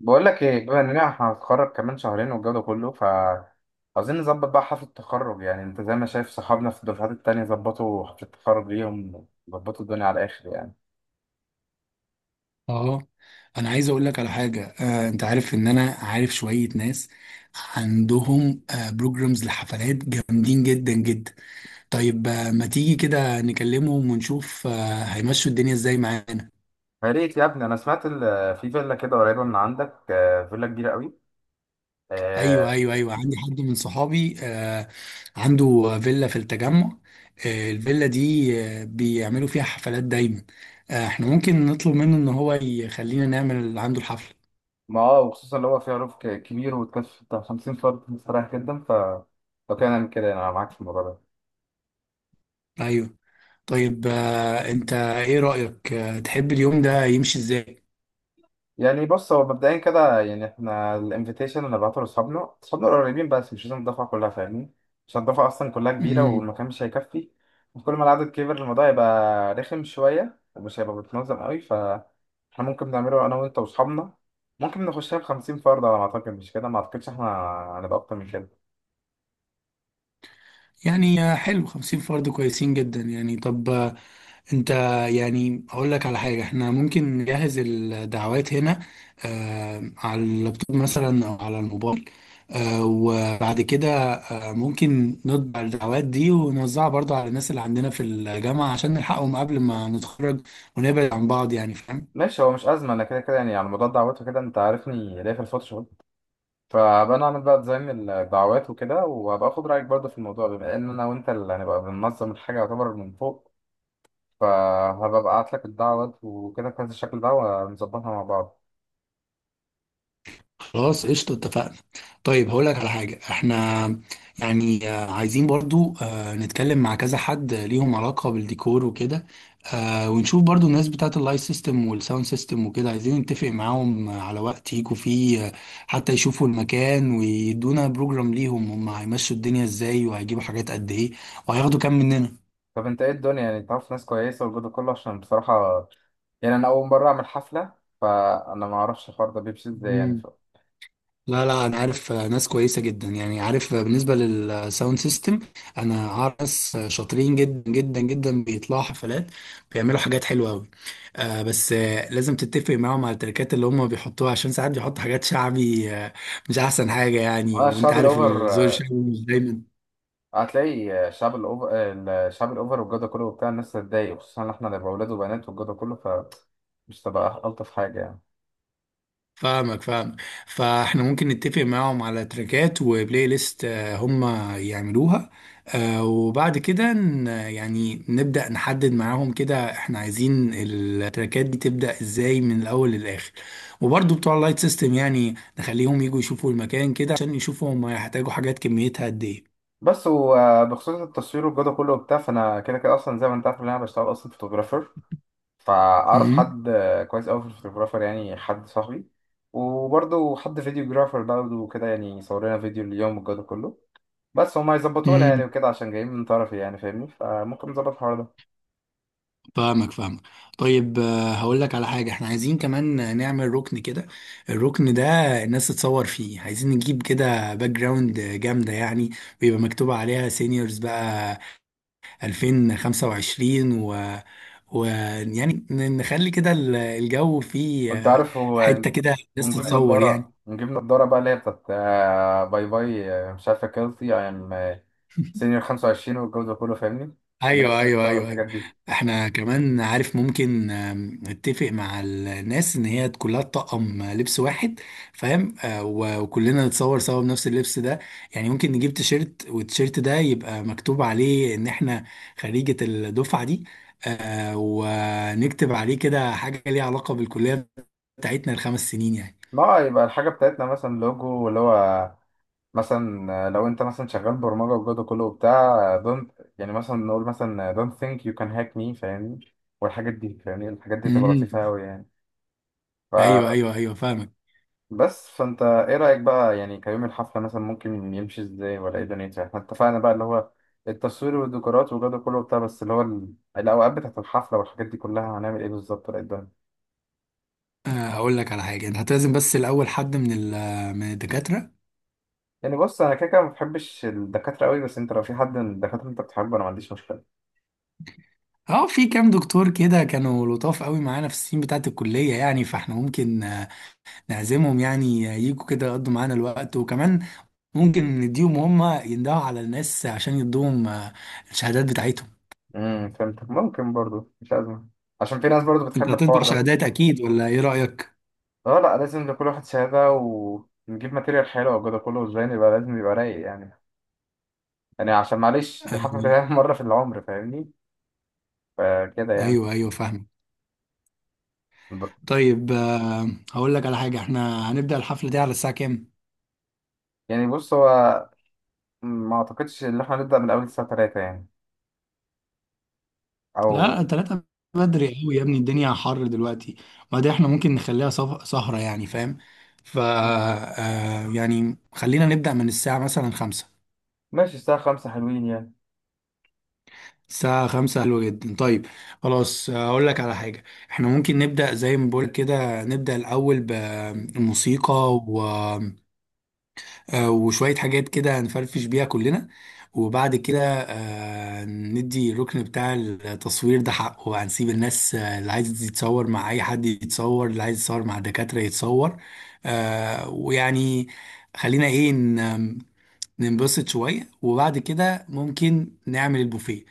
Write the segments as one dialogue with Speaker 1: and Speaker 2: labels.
Speaker 1: بقول لك ايه، بما اننا احنا هنتخرج كمان شهرين والجو ده كله ف عاوزين نظبط بقى حفله التخرج. يعني انت زي ما شايف صحابنا في الدفعات التانية ظبطوا حفله التخرج ليهم، ظبطوا الدنيا على الاخر يعني.
Speaker 2: اه، انا عايز اقول لك على حاجه. انت عارف ان انا عارف شويه ناس عندهم بروجرامز لحفلات جامدين جدا جدا. طيب، ما تيجي كده نكلمهم ونشوف هيمشوا الدنيا ازاي معانا؟
Speaker 1: يا ريت يا ابني، انا سمعت ال- في فيلا كده قريبه من عندك، فيلا كبيره قوي.
Speaker 2: ايوه
Speaker 1: آه،
Speaker 2: ايوه ايوه، عندي حد من صحابي عنده فيلا في التجمع. الفيلا دي بيعملوا فيها حفلات دايما. احنا ممكن نطلب منه ان هو يخلينا نعمل عنده الحفله.
Speaker 1: ما اه وخصوصا اللي هو فيها روف ك- كبير وتكلف بتاع 50 فرد صراحه جدا. ف لو كان نعمل كده انا معاك في الموضوع ده.
Speaker 2: ايوه. طيب، انت ايه رأيك؟ تحب اليوم ده يمشي ازاي؟
Speaker 1: يعني بص، هو مبدئيا كده يعني احنا الانفيتيشن اللي بعته لاصحابنا، اصحابنا القريبين بس مش لازم الدفعه كلها، فاهمني؟ عشان الدفعه اصلا كلها كبيره
Speaker 2: امم
Speaker 1: والمكان مش هيكفي، وكل ما العدد كبر الموضوع يبقى رخم شويه ومش هيبقى متنظم قوي. فاحنا ممكن نعمله انا وانت واصحابنا، ممكن نخشها ب 50 فرد على ما اعتقد. مش كده؟ ما اعتقدش احنا هنبقى اكتر من كده.
Speaker 2: يعني حلو، 50 فرد كويسين جدا يعني. طب، انت، يعني اقول لك على حاجة. احنا ممكن نجهز الدعوات هنا، على اللابتوب مثلا او على الموبايل. وبعد كده ممكن نطبع الدعوات دي ونوزعها برضو على الناس اللي عندنا في الجامعة، عشان نلحقهم قبل ما نتخرج ونبعد عن بعض، يعني فاهم.
Speaker 1: ماشي، هو مش ازمه، انا كده كده يعني على موضوع الدعوات وكده انت عارفني ليا في الفوتوشوب، فبنعمل بقى ديزاين الدعوات وكده، وهبقى اخد رايك برضه في الموضوع بما ان انا وانت اللي هنبقى بننظم الحاجه، يعتبر من فوق. فهبقى ابعت لك الدعوات وكده في هذا الشكل ده ونظبطها مع بعض.
Speaker 2: خلاص، قشطة، اتفقنا. طيب هقول لك على حاجة، احنا يعني عايزين برضو نتكلم مع كذا حد ليهم علاقة بالديكور وكده. ونشوف برضو الناس بتاعت اللايت سيستم والساوند سيستم وكده، عايزين نتفق معاهم على وقت يجوا فيه حتى يشوفوا المكان، ويدونا بروجرام ليهم هم هيمشوا الدنيا ازاي، وهيجيبوا حاجات قد ايه، وهياخدوا كام
Speaker 1: طب انت ايه الدنيا، يعني تعرف ناس كويسه والجو ده كله؟ عشان بصراحه يعني انا اول مره اعمل حفله، فانا ما اعرفش الحوار ده بيمشي ازاي يعني
Speaker 2: مننا.
Speaker 1: ف...
Speaker 2: لا لا، انا عارف ناس كويسه جدا يعني. عارف بالنسبه للساوند سيستم، انا عارف ناس شاطرين جدا جدا جدا بيطلعوا حفلات، بيعملوا حاجات حلوه قوي. بس لازم تتفق معاهم على التركات اللي هم بيحطوها، عشان ساعات بيحطوا حاجات شعبي، مش احسن حاجه يعني.
Speaker 1: انا
Speaker 2: وانت
Speaker 1: الشعب
Speaker 2: عارف
Speaker 1: الاوفر،
Speaker 2: الذوق الشعبي مش دايما.
Speaker 1: هتلاقي الشعب الاوفر، الشعب الاوفر والجو ده كله وبتاع، الناس هتتضايق خصوصا ان احنا نبقى اولاد وبنات والجو ده كله، فمش تبقى الطف حاجه يعني.
Speaker 2: فاهمك فاهمك. فاحنا ممكن نتفق معاهم على تراكات وبلاي ليست هم يعملوها. وبعد كده يعني نبدأ نحدد معاهم كده، احنا عايزين التراكات دي تبدأ ازاي من الاول للاخر. وبرضو بتوع اللايت سيستم، يعني نخليهم يجوا يشوفوا المكان كده، عشان يشوفوا هم هيحتاجوا حاجات كميتها قد ايه.
Speaker 1: بس وبخصوص التصوير والجودة كله وبتاع، فأنا كده كده أصلا زي ما أنت عارف إن أنا بشتغل أصلا فوتوغرافر، فأعرف
Speaker 2: مم.
Speaker 1: حد كويس أوي في الفوتوغرافر، يعني حد صاحبي، وبرضه حد فيديوجرافر برضه وكده، يعني يصور لنا فيديو اليوم والجودة كله. بس هما يظبطونا يعني
Speaker 2: مم.
Speaker 1: وكده عشان جايين من طرفي، يعني فاهمني؟ فممكن نظبط الحوار ده.
Speaker 2: فاهمك فاهمك. طيب، هقول لك على حاجة. احنا عايزين كمان نعمل ركن كده. الركن ده الناس تتصور فيه. عايزين نجيب كده باك جراوند جامدة يعني، ويبقى مكتوب عليها سينيورز بقى 2025، و يعني نخلي كده الجو فيه
Speaker 1: وأنت عارف هو
Speaker 2: حتة
Speaker 1: يعني،
Speaker 2: كده الناس
Speaker 1: ونجيب
Speaker 2: تتصور
Speaker 1: نضارة،
Speaker 2: يعني.
Speaker 1: نجيب نضارة بقى اللي هي بتاعت باي باي، مش عارفة، كيلتي أي أم سينيور 25 والجو ده كله، فاهمني؟ الناس
Speaker 2: ايوه
Speaker 1: اللي
Speaker 2: ايوه
Speaker 1: بتصور
Speaker 2: ايوه ايوه.
Speaker 1: الحاجات دي.
Speaker 2: احنا كمان عارف ممكن نتفق مع الناس ان هي كلها تطقم لبس واحد، فاهم؟ وكلنا نتصور سوا بنفس اللبس ده. يعني ممكن نجيب تيشيرت، والتيشيرت ده يبقى مكتوب عليه ان احنا خريجة الدفعة دي. ونكتب عليه كده حاجة ليها علاقة بالكلية بتاعتنا الخمس سنين يعني.
Speaker 1: ما يبقى الحاجة بتاعتنا مثلا لوجو اللي هو مثلا، لو انت مثلا شغال برمجة والجو ده كله وبتاع don't، يعني مثلا نقول مثلا don't think you can hack me، فاهمني؟ والحاجات دي، فاهمني؟ الحاجات دي تبقى
Speaker 2: امم.
Speaker 1: لطيفة أوي يعني.
Speaker 2: ايوه ايوه ايوه فاهمك.
Speaker 1: فبس، فانت ايه رأيك بقى يعني كيوم الحفلة مثلا ممكن يمشي ازاي ولا ايه دنيتها؟ احنا اتفقنا بقى اللي هو التصوير والديكورات والجو ده كله وبتاع، بس اللي هو ال- الأوقات بتاعت الحفلة والحاجات دي كلها هنعمل ايه بالظبط ولا ايه الدنيا؟
Speaker 2: هقول لك على حاجة، انت هتلازم بس الاول حد من من الدكاترة.
Speaker 1: يعني بص، انا كده كده ما بحبش الدكاترة قوي، بس انت لو في حد من الدكاترة انت بتحبه انا ما عنديش مشكلة.
Speaker 2: اه، في كام دكتور كده كانوا لطاف قوي معانا في السنين بتاعه الكليه يعني. فاحنا ممكن نعزمهم يعني، يجوا كده يقضوا معانا الوقت. وكمان ممكن نديهم، هم يندهوا على الناس عشان يدوهم الشهادات بتاعتهم.
Speaker 1: امم، فهمتك، ممكن برضو، مش أزمة، عشان في ناس برضو
Speaker 2: انت
Speaker 1: بتحب
Speaker 2: هتطبع
Speaker 1: الحوار ده.
Speaker 2: شهادات اكيد، ولا ايه رايك؟
Speaker 1: اه لا، لازم لكل واحد شهادة، ونجيب ماتيريال حلوة وكده كله، والزين يبقى لازم يبقى رايق يعني. يعني عشان معلش دي حفلة
Speaker 2: آه،
Speaker 1: تتعمل مرة في العمر، فاهمني؟ فكده يعني.
Speaker 2: ايوه ايوه فاهم.
Speaker 1: ب-
Speaker 2: طيب، هقول لك على حاجه، احنا هنبدا الحفله دي على الساعه كام؟
Speaker 1: يعني بص، هو ما أعتقدش إن إحنا نبدأ من أول الساعة تلاتة يعني، أو
Speaker 2: لا، 3 بدري قوي يا ابني، الدنيا حر دلوقتي. وبعدين احنا ممكن نخليها سهرة يعني، فاهم. ف يعني خلينا نبدأ من الساعة مثلا 5.
Speaker 1: ماشي الساعة خمسة حلوين يعني.
Speaker 2: الساعة خمسة حلوة جدا. طيب، خلاص. أقول لك على حاجة، احنا ممكن نبدأ زي ما بقول كده. نبدأ الأول بالموسيقى وشوية حاجات كده هنفرفش بيها كلنا. وبعد كده ندي الركن بتاع التصوير ده حقه بقى، نسيب الناس اللي عايز يتصور مع أي حد يتصور، اللي عايز يتصور مع الدكاترة يتصور. ويعني خلينا إيه ننبسط شوية، وبعد كده ممكن نعمل البوفيه.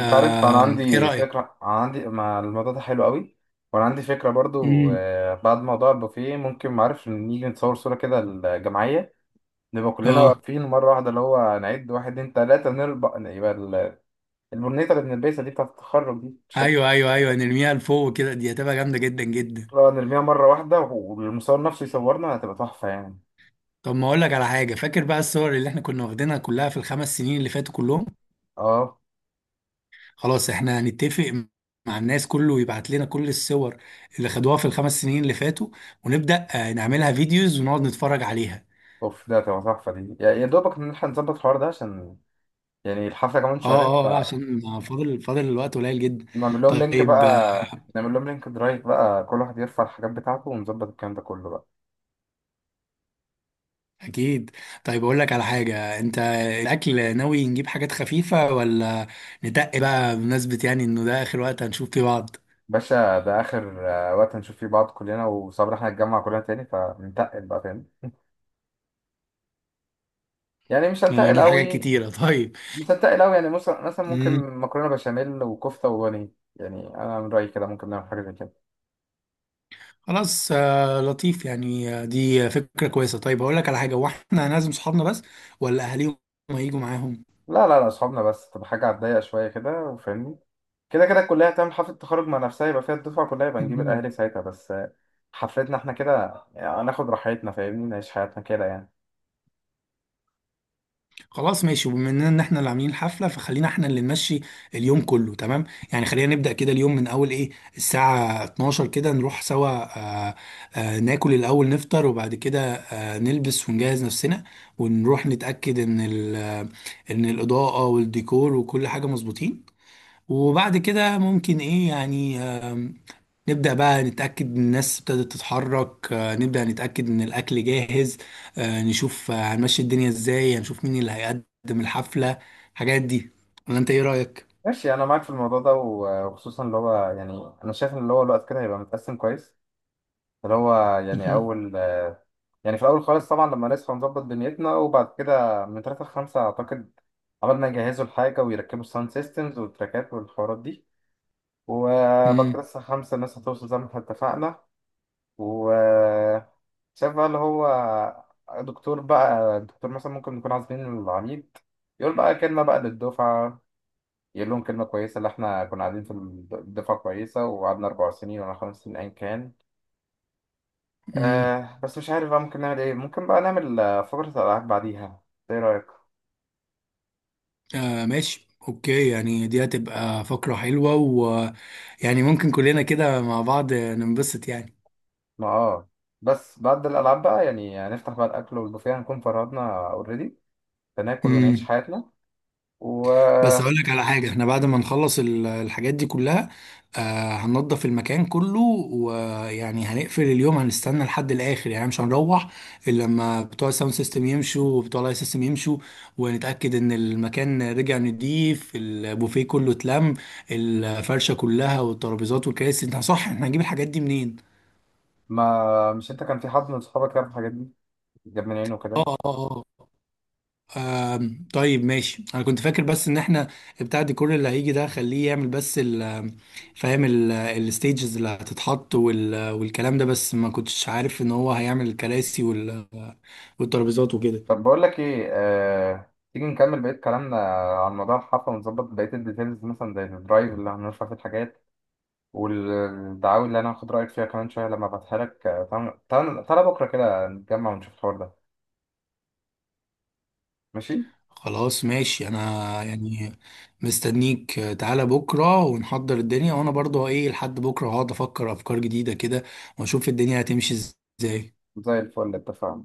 Speaker 1: أنت عارف أنا
Speaker 2: إيه
Speaker 1: عندي
Speaker 2: رأيك؟
Speaker 1: فكرة، أنا عندي، ما الموضوع ده حلو قوي. وأنا عندي فكرة برضو،
Speaker 2: مم.
Speaker 1: بعد موضوع البوفيه ممكن معرفش نيجي نتصور صورة كده، الجماعية، نبقى كلنا
Speaker 2: اه،
Speaker 1: واقفين مرة واحدة، اللي هو نعد واحد اتنين تلاتة نربع يبقى ال- البرنيطة اللي بنلبسها دي بتاعة التخرج دي، مش فاكر؟
Speaker 2: ايوه ايوه ايوه، نرميها لفوق كده، دي هتبقى جامده جدا جدا.
Speaker 1: لا، نرميها مرة واحدة والمصور نفسه يصورنا، هتبقى تحفة يعني.
Speaker 2: طب ما اقول لك على حاجه، فاكر بقى الصور اللي احنا كنا واخدينها كلها في الخمس سنين اللي فاتوا كلهم؟
Speaker 1: اه.
Speaker 2: خلاص، احنا هنتفق مع الناس كله يبعت لنا كل الصور اللي خدوها في الخمس سنين اللي فاتوا، ونبدا نعملها فيديوز ونقعد نتفرج عليها.
Speaker 1: اوف، ده هتبقى تحفة دي يعني. يا دوبك نلحق نظبط الحوار ده عشان يعني الحفلة كمان
Speaker 2: اه
Speaker 1: شهرين.
Speaker 2: اه، عشان فاضل الوقت قليل جدا.
Speaker 1: فنعمل لهم لينك
Speaker 2: طيب،
Speaker 1: بقى، نعمل لهم لينك درايف بقى، كل واحد يرفع الحاجات بتاعته ونظبط الكلام ده كله بقى.
Speaker 2: اكيد. طيب اقول لك على حاجه، انت الاكل ناوي نجيب حاجات خفيفه، ولا ندق بقى بمناسبه يعني انه ده اخر وقت هنشوف فيه بعض؟
Speaker 1: باشا، ده آخر وقت هنشوف فيه بعض كلنا، وصبر احنا نتجمع كلنا تاني فننتقل بقى تاني يعني مش
Speaker 2: يعني
Speaker 1: هنتقل
Speaker 2: هنجيب حاجات
Speaker 1: قوي.
Speaker 2: كتيره. طيب،
Speaker 1: مصدق أوي يعني، مثلا مثلا ممكن مكرونة بشاميل وكفتة وبانيه. يعني أنا من رأيي كده ممكن نعمل حاجة زي كده.
Speaker 2: خلاص. لطيف يعني. دي فكرة كويسة. طيب هقول لك على حاجة، هو احنا هنعزم صحابنا بس، ولا أهاليهم هيجوا معاهم؟
Speaker 1: لا لا لا، أصحابنا بس، تبقى حاجة على الضيق شوية كده، وفاهمني؟ كده كده الكلية هتعمل حفلة تخرج مع نفسها يبقى فيها الدفعة كلها، يبقى نجيب
Speaker 2: مم.
Speaker 1: الأهالي ساعتها بس. حفلتنا احنا كده يعني هناخد راحتنا، فاهمني؟ نعيش حياتنا كده يعني.
Speaker 2: خلاص ماشي، وبما ان احنا اللي عاملين الحفلة، فخلينا احنا اللي نمشي اليوم كله، تمام؟ يعني خلينا نبدأ كده اليوم من أول إيه، الساعة 12 كده نروح سوا. آه ناكل الأول نفطر، وبعد كده نلبس ونجهز نفسنا، ونروح نتأكد إن إن الإضاءة والديكور وكل حاجة مظبوطين. وبعد كده ممكن ايه يعني، نبدأ بقى نتأكد ان الناس ابتدت تتحرك. نبدأ نتأكد ان الأكل جاهز. نشوف هنمشي الدنيا ازاي، هنشوف مين اللي هيقدم الحفلة، الحاجات دي. ولا انت ايه رأيك؟
Speaker 1: ماشي، أنا معاك في الموضوع ده، وخصوصا اللي هو يعني أنا شايف إن اللي هو الوقت كده هيبقى متقسم كويس. اللي هو يعني
Speaker 2: مهم.
Speaker 1: أول، يعني في الأول خالص طبعا لما نصحى نظبط دنيتنا، وبعد كده من تلاتة لخمسة أعتقد عملنا يجهزوا الحاجة ويركبوا الساوند سيستمز والتراكات والحوارات دي، وبعد كده
Speaker 2: امم
Speaker 1: الساعة خمسة الناس هتوصل زي ما احنا اتفقنا. وشاف بقى اللي هو دكتور بقى، دكتور مثلا ممكن نكون عازمين العميد، يقول بقى كلمة بقى للدفعة، يقول لهم كلمة كويسة اللي احنا كنا قاعدين في الدفعة كويسة وقعدنا 4 سنين ولا 5 سنين أيا كان.
Speaker 2: امم
Speaker 1: آه بس مش عارف بقى ممكن نعمل ايه، ممكن بقى نعمل فقرة الألعاب بعديها. ايه رأيك؟
Speaker 2: آه ماشي اوكي، يعني دي هتبقى فقرة حلوة، ويعني ممكن كلنا كده مع بعض ننبسط يعني.
Speaker 1: ما اه، بس بعد الألعاب بقى يعني نفتح بقى الأكل والبوفيه، هنكون فرهدنا اوريدي، فناكل ونعيش حياتنا.
Speaker 2: بس
Speaker 1: وما
Speaker 2: اقول لك على حاجه، احنا بعد ما نخلص الحاجات دي كلها هننضف المكان كله. ويعني هنقفل اليوم، هنستنى لحد الاخر يعني، مش هنروح الا لما بتوع الساوند سيستم يمشوا وبتوع اللايت سيستم يمشوا، ونتاكد ان المكان رجع نضيف، البوفيه كله اتلم، الفرشه كلها والترابيزات والكراسي. انت صح، احنا هنجيب الحاجات دي منين؟
Speaker 1: مش انت كان في حد من صحابك جاب الحاجات دي، جاب من عينه
Speaker 2: اه
Speaker 1: كده؟
Speaker 2: اه، آه. طيب ماشي، انا كنت فاكر بس ان احنا بتاع الديكور اللي هيجي ده خليه يعمل بس فاهم، الستيجز اللي هتتحط والكلام ده. بس ما كنتش عارف ان هو هيعمل الكراسي والترابيزات وكده.
Speaker 1: طب بقول لك ايه، تيجي نكمل بقية كلامنا عن موضوع الحفلة ونظبط بقية الديتيلز، مثلا زي الدرايف اللي هنرفع فيه الحاجات والدعاوي اللي انا هاخد رأيك فيها كمان شوية لما ابعتها لك. تعال بكرة كده نتجمع ونشوف الحوار ده، ماشي؟
Speaker 2: خلاص ماشي، انا يعني مستنيك. تعالى بكرة ونحضر الدنيا، وانا برضو ايه لحد بكرة هقعد افكر افكار جديدة كده، واشوف الدنيا هتمشي ازاي.
Speaker 1: زي الفل، اتفقنا.